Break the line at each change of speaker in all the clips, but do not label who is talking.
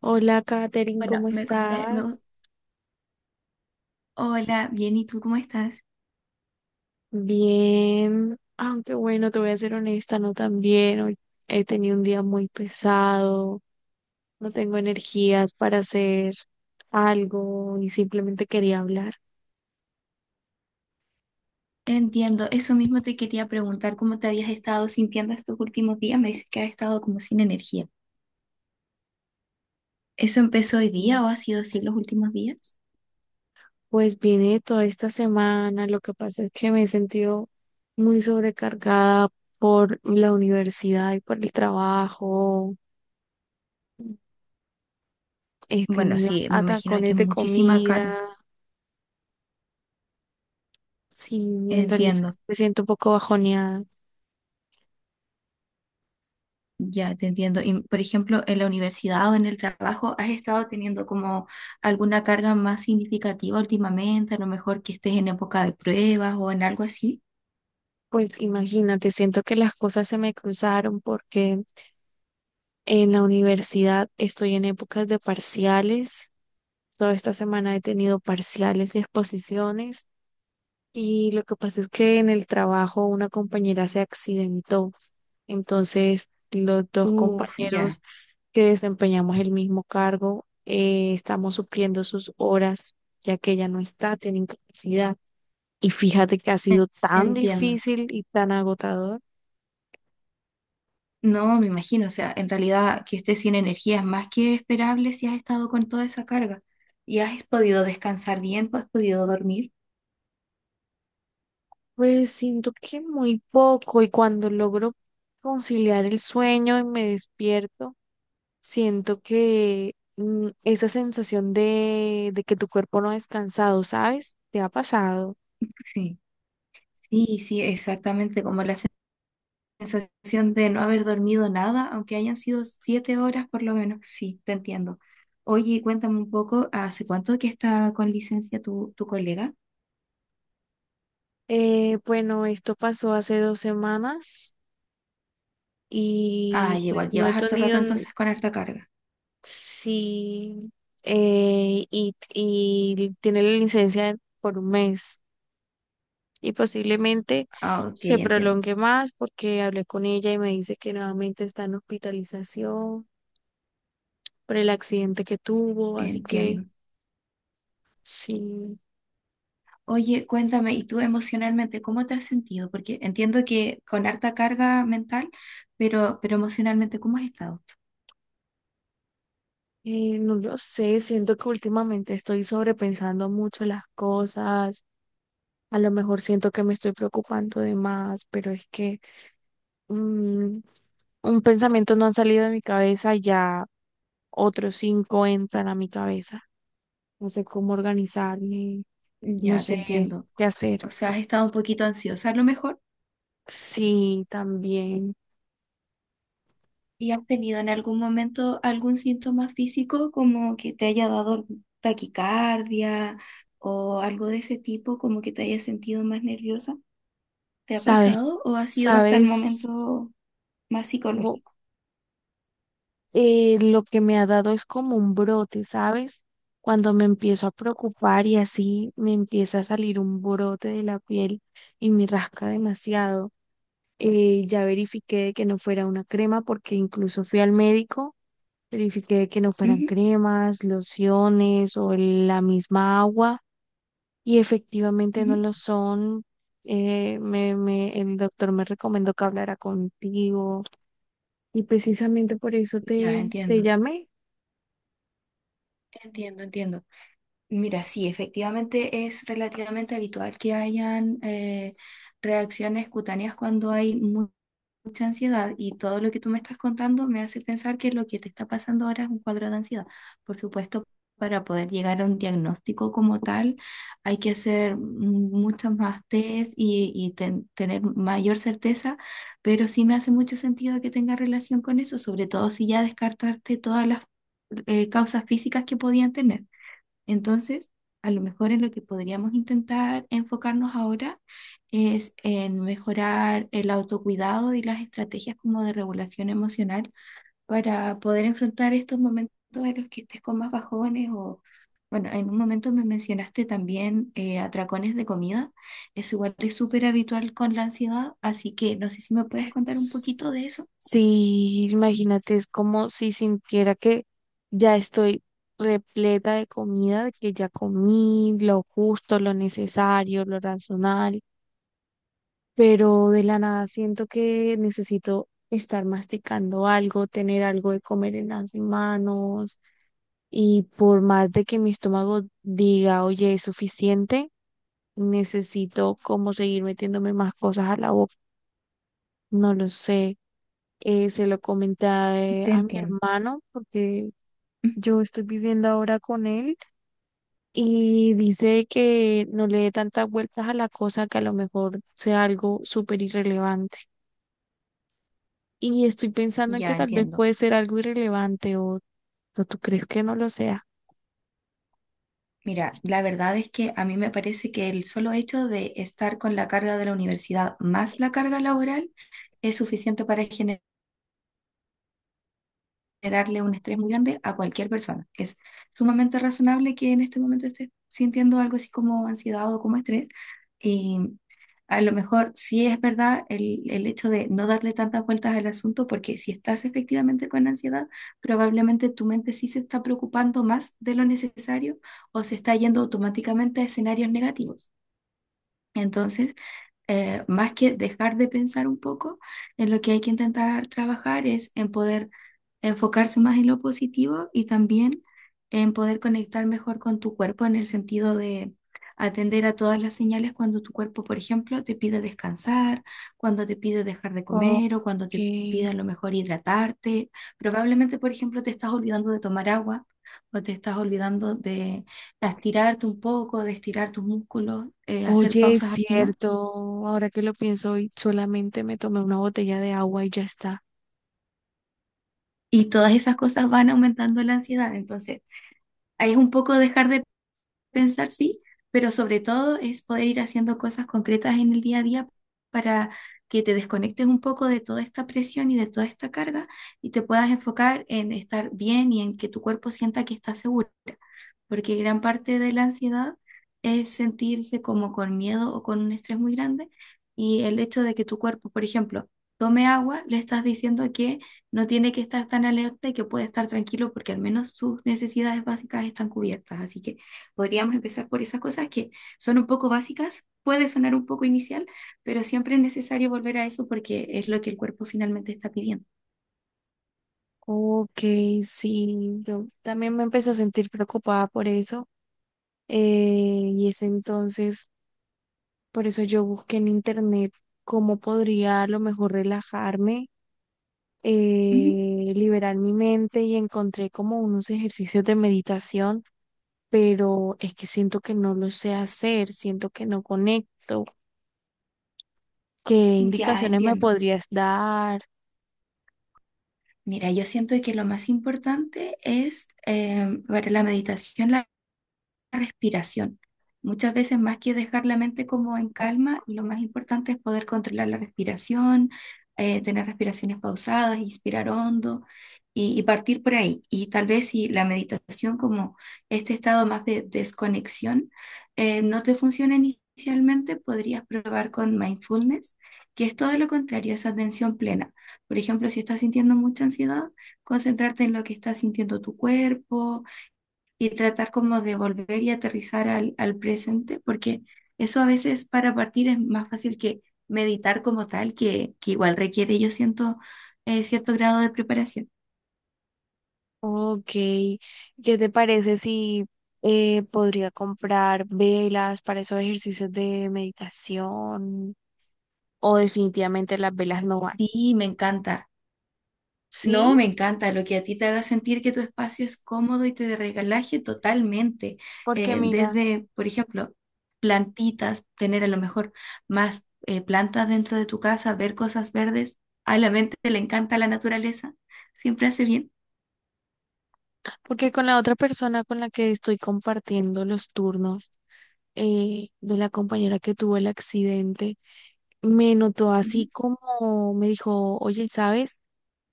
Hola, Katherine,
Bueno,
¿cómo
me compré,
estás?
hola, bien, ¿y tú cómo estás?
Bien, aunque bueno, te voy a ser honesta, no tan bien. Hoy he tenido un día muy pesado, no tengo energías para hacer algo y simplemente quería hablar.
Entiendo, eso mismo te quería preguntar, ¿cómo te habías estado sintiendo estos últimos días? Me dices que has estado como sin energía. ¿Eso empezó hoy día o ha sido así los últimos días?
Pues viene toda esta semana, lo que pasa es que me he sentido muy sobrecargada por la universidad y por el trabajo. He
Bueno,
tenido
sí, me imagino que
atacones
es
de
muchísima carga.
comida, sí, en realidad
Entiendo,
me siento un poco bajoneada.
ya te entiendo. Y, por ejemplo, en la universidad o en el trabajo, ¿has estado teniendo como alguna carga más significativa últimamente? A lo mejor que estés en época de pruebas o en algo así.
Pues imagínate, siento que las cosas se me cruzaron porque en la universidad estoy en épocas de parciales. Toda esta semana he tenido parciales y exposiciones. Y lo que pasa es que en el trabajo una compañera se accidentó. Entonces, los dos
Uf, ya,
compañeros que desempeñamos el mismo cargo estamos supliendo sus horas, ya que ella no está, tiene incapacidad. Y fíjate que ha
en-
sido tan
entiendo.
difícil y tan agotador.
No, me imagino, o sea, en realidad que estés sin energía es más que esperable si has estado con toda esa carga y has podido descansar bien, pues has podido dormir.
Pues siento que muy poco y cuando logro conciliar el sueño y me despierto, siento que esa sensación de que tu cuerpo no ha descansado, ¿sabes? ¿Te ha pasado?
Sí, sí, sí, exactamente, como la sensación de no haber dormido nada, aunque hayan sido 7 horas por lo menos, sí, te entiendo. Oye, cuéntame un poco, ¿hace cuánto que está con licencia tu colega?
Bueno, esto pasó hace 2 semanas
Ah,
y pues
igual,
no
llevas
he
harto
tenido,
rato
n-
entonces con harta carga.
Sí, y tiene la licencia por un mes. Y posiblemente
Ah, ok,
se
entiendo,
prolongue más porque hablé con ella y me dice que nuevamente está en hospitalización por el accidente que tuvo, así que
entiendo.
sí.
Oye, cuéntame, ¿y tú emocionalmente cómo te has sentido? Porque entiendo que con harta carga mental, pero emocionalmente, ¿cómo has estado?
No lo sé, siento que últimamente estoy sobrepensando mucho las cosas, a lo mejor siento que me estoy preocupando de más, pero es que mm, un pensamiento no ha salido de mi cabeza y ya otros cinco entran a mi cabeza, no sé cómo organizarme, no
Ya, te
sé
entiendo.
qué hacer.
O sea, has estado un poquito ansiosa a lo mejor
Sí, también.
y has tenido en algún momento algún síntoma físico como que te haya dado taquicardia o algo de ese tipo, como que te hayas sentido más nerviosa. ¿Te ha
Sabes,
pasado o ha sido hasta el
sabes,
momento más
Bo-
psicológico?
lo que me ha dado es como un brote, ¿sabes? Cuando me empiezo a preocupar y así me empieza a salir un brote de la piel y me rasca demasiado. Ya verifiqué de que no fuera una crema porque incluso fui al médico, verifiqué de que no fueran
Ujú,
cremas, lociones o la misma agua, y efectivamente no
ujú.
lo son. El doctor me recomendó que hablara contigo y precisamente por eso
Ya,
te
entiendo,
llamé.
entiendo, entiendo. Mira, sí, efectivamente es relativamente habitual que hayan reacciones cutáneas cuando hay mucha ansiedad y todo lo que tú me estás contando me hace pensar que lo que te está pasando ahora es un cuadro de ansiedad. Por supuesto, para poder llegar a un diagnóstico como tal, hay que hacer muchas más test y, tener mayor certeza, pero sí me hace mucho sentido que tenga relación con eso, sobre todo si ya descartaste todas las causas físicas que podían tener. Entonces, a lo mejor en lo que podríamos intentar enfocarnos ahora es en mejorar el autocuidado y las estrategias como de regulación emocional para poder enfrentar estos momentos en los que estés con más bajones o, bueno, en un momento me mencionaste también atracones de comida. Eso igual es súper habitual con la ansiedad, así que no sé si me puedes contar un
S-
poquito de eso.
Sí, imagínate, es como si sintiera que ya estoy repleta de comida, de que ya comí lo justo, lo necesario, lo razonable, pero de la nada siento que necesito estar masticando algo, tener algo de comer en las manos. Y por más de que mi estómago diga, oye, es suficiente, necesito como seguir metiéndome más cosas a la boca. No lo sé. Se lo comenté a eh,
Te
a mi
entiendo.
hermano porque yo estoy viviendo ahora con él y dice que no le dé tantas vueltas a la cosa, que a lo mejor sea algo súper irrelevante. Y estoy pensando en que
Ya
tal vez
entiendo.
puede ser algo irrelevante, o tú crees que no lo sea.
Mira, la verdad es que a mí me parece que el solo hecho de estar con la carga de la universidad más la carga laboral es suficiente para generarle un estrés muy grande a cualquier persona. Es sumamente razonable que en este momento estés sintiendo algo así como ansiedad o como estrés. Y a lo mejor sí es verdad el hecho de no darle tantas vueltas al asunto, porque si estás efectivamente con ansiedad, probablemente tu mente sí se está preocupando más de lo necesario o se está yendo automáticamente a escenarios negativos. Entonces, más que dejar de pensar un poco, en lo que hay que intentar trabajar es en poder enfocarse más en lo positivo y también en poder conectar mejor con tu cuerpo en el sentido de atender a todas las señales cuando tu cuerpo, por ejemplo, te pide descansar, cuando te pide dejar de
Ok.
comer o cuando te pide a lo mejor hidratarte. Probablemente, por ejemplo, te estás olvidando de tomar agua o te estás olvidando de a estirarte un poco, de estirar tus músculos, hacer
Oye, es
pausas activas.
cierto. Ahora que lo pienso, hoy solamente me tomé una botella de agua y ya está.
Y todas esas cosas van aumentando la ansiedad. Entonces, ahí es un poco dejar de pensar, sí, pero sobre todo es poder ir haciendo cosas concretas en el día a día para que te desconectes un poco de toda esta presión y de toda esta carga y te puedas enfocar en estar bien y en que tu cuerpo sienta que está seguro. Porque gran parte de la ansiedad es sentirse como con miedo o con un estrés muy grande y el hecho de que tu cuerpo, por ejemplo, tome agua, le estás diciendo que no tiene que estar tan alerta y que puede estar tranquilo porque al menos sus necesidades básicas están cubiertas. Así que podríamos empezar por esas cosas que son un poco básicas, puede sonar un poco inicial, pero siempre es necesario volver a eso porque es lo que el cuerpo finalmente está pidiendo.
Ok, sí. Yo también me empecé a sentir preocupada por eso. Y es entonces, por eso yo busqué en internet cómo podría a lo mejor relajarme,
Ujú.
liberar mi mente, y encontré como unos ejercicios de meditación, pero es que siento que no lo sé hacer, siento que no conecto. ¿Qué
Ya
indicaciones me
entiendo.
podrías dar?
Mira, yo siento que lo más importante es para la meditación, la respiración. Muchas veces más que dejar la mente como en calma, lo más importante es poder controlar la respiración, tener respiraciones pausadas, inspirar hondo y partir por ahí. Y tal vez si la meditación como este estado más de desconexión no te funciona inicialmente, podrías probar con mindfulness, que es todo lo contrario, esa atención plena. Por ejemplo, si estás sintiendo mucha ansiedad, concentrarte en lo que está sintiendo tu cuerpo y tratar como de volver y aterrizar al presente, porque eso a veces para partir es más fácil que meditar como tal, que igual requiere, yo siento, cierto grado de preparación.
Ok, ¿qué te parece si podría comprar velas para esos ejercicios de meditación? ¿O definitivamente las velas no van?
Sí, me encanta. No,
¿Sí?
me encanta lo que a ti te haga sentir que tu espacio es cómodo y te regalaje totalmente.
Porque mira,
Desde, por ejemplo, plantitas, tener a lo mejor más plantas dentro de tu casa, ver cosas verdes. A la mente le encanta la naturaleza, siempre hace bien.
porque con la otra persona con la que estoy compartiendo los turnos, de la compañera que tuvo el accidente, me notó, así
Ujú.
como me dijo, oye, ¿sabes?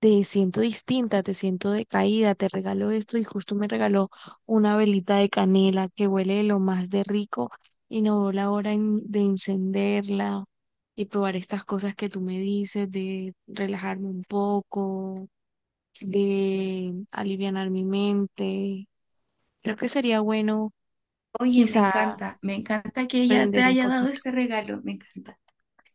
Te siento distinta, te siento decaída, te regalo esto. Y justo me regaló una velita de canela que huele de lo más de rico, y no veo la hora de encenderla y probar estas cosas que tú me dices, de relajarme un poco, de alivianar mi mente. Creo que sería bueno
Oye,
quizá
me encanta que ella te
aprender un
haya dado
poquito.
ese regalo, me encanta.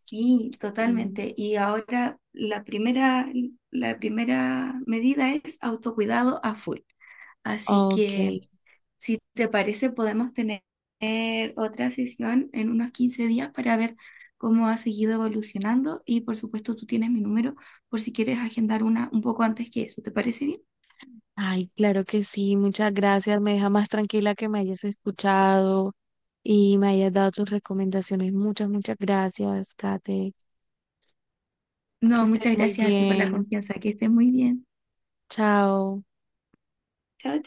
Sí,
Y,
totalmente. Y ahora la primera medida es autocuidado a full. Así
ok.
que, si te parece, podemos tener otra sesión en unos 15 días para ver cómo ha seguido evolucionando. Y por supuesto, tú tienes mi número por si quieres agendar una un poco antes que eso. ¿Te parece bien?
Ay, claro que sí, muchas gracias. Me deja más tranquila que me hayas escuchado y me hayas dado tus recomendaciones. Muchas, muchas gracias, Kate. Que
No,
estés
muchas
muy
gracias a ti por la
bien.
confianza. Que estés muy bien.
Chao.
Chao.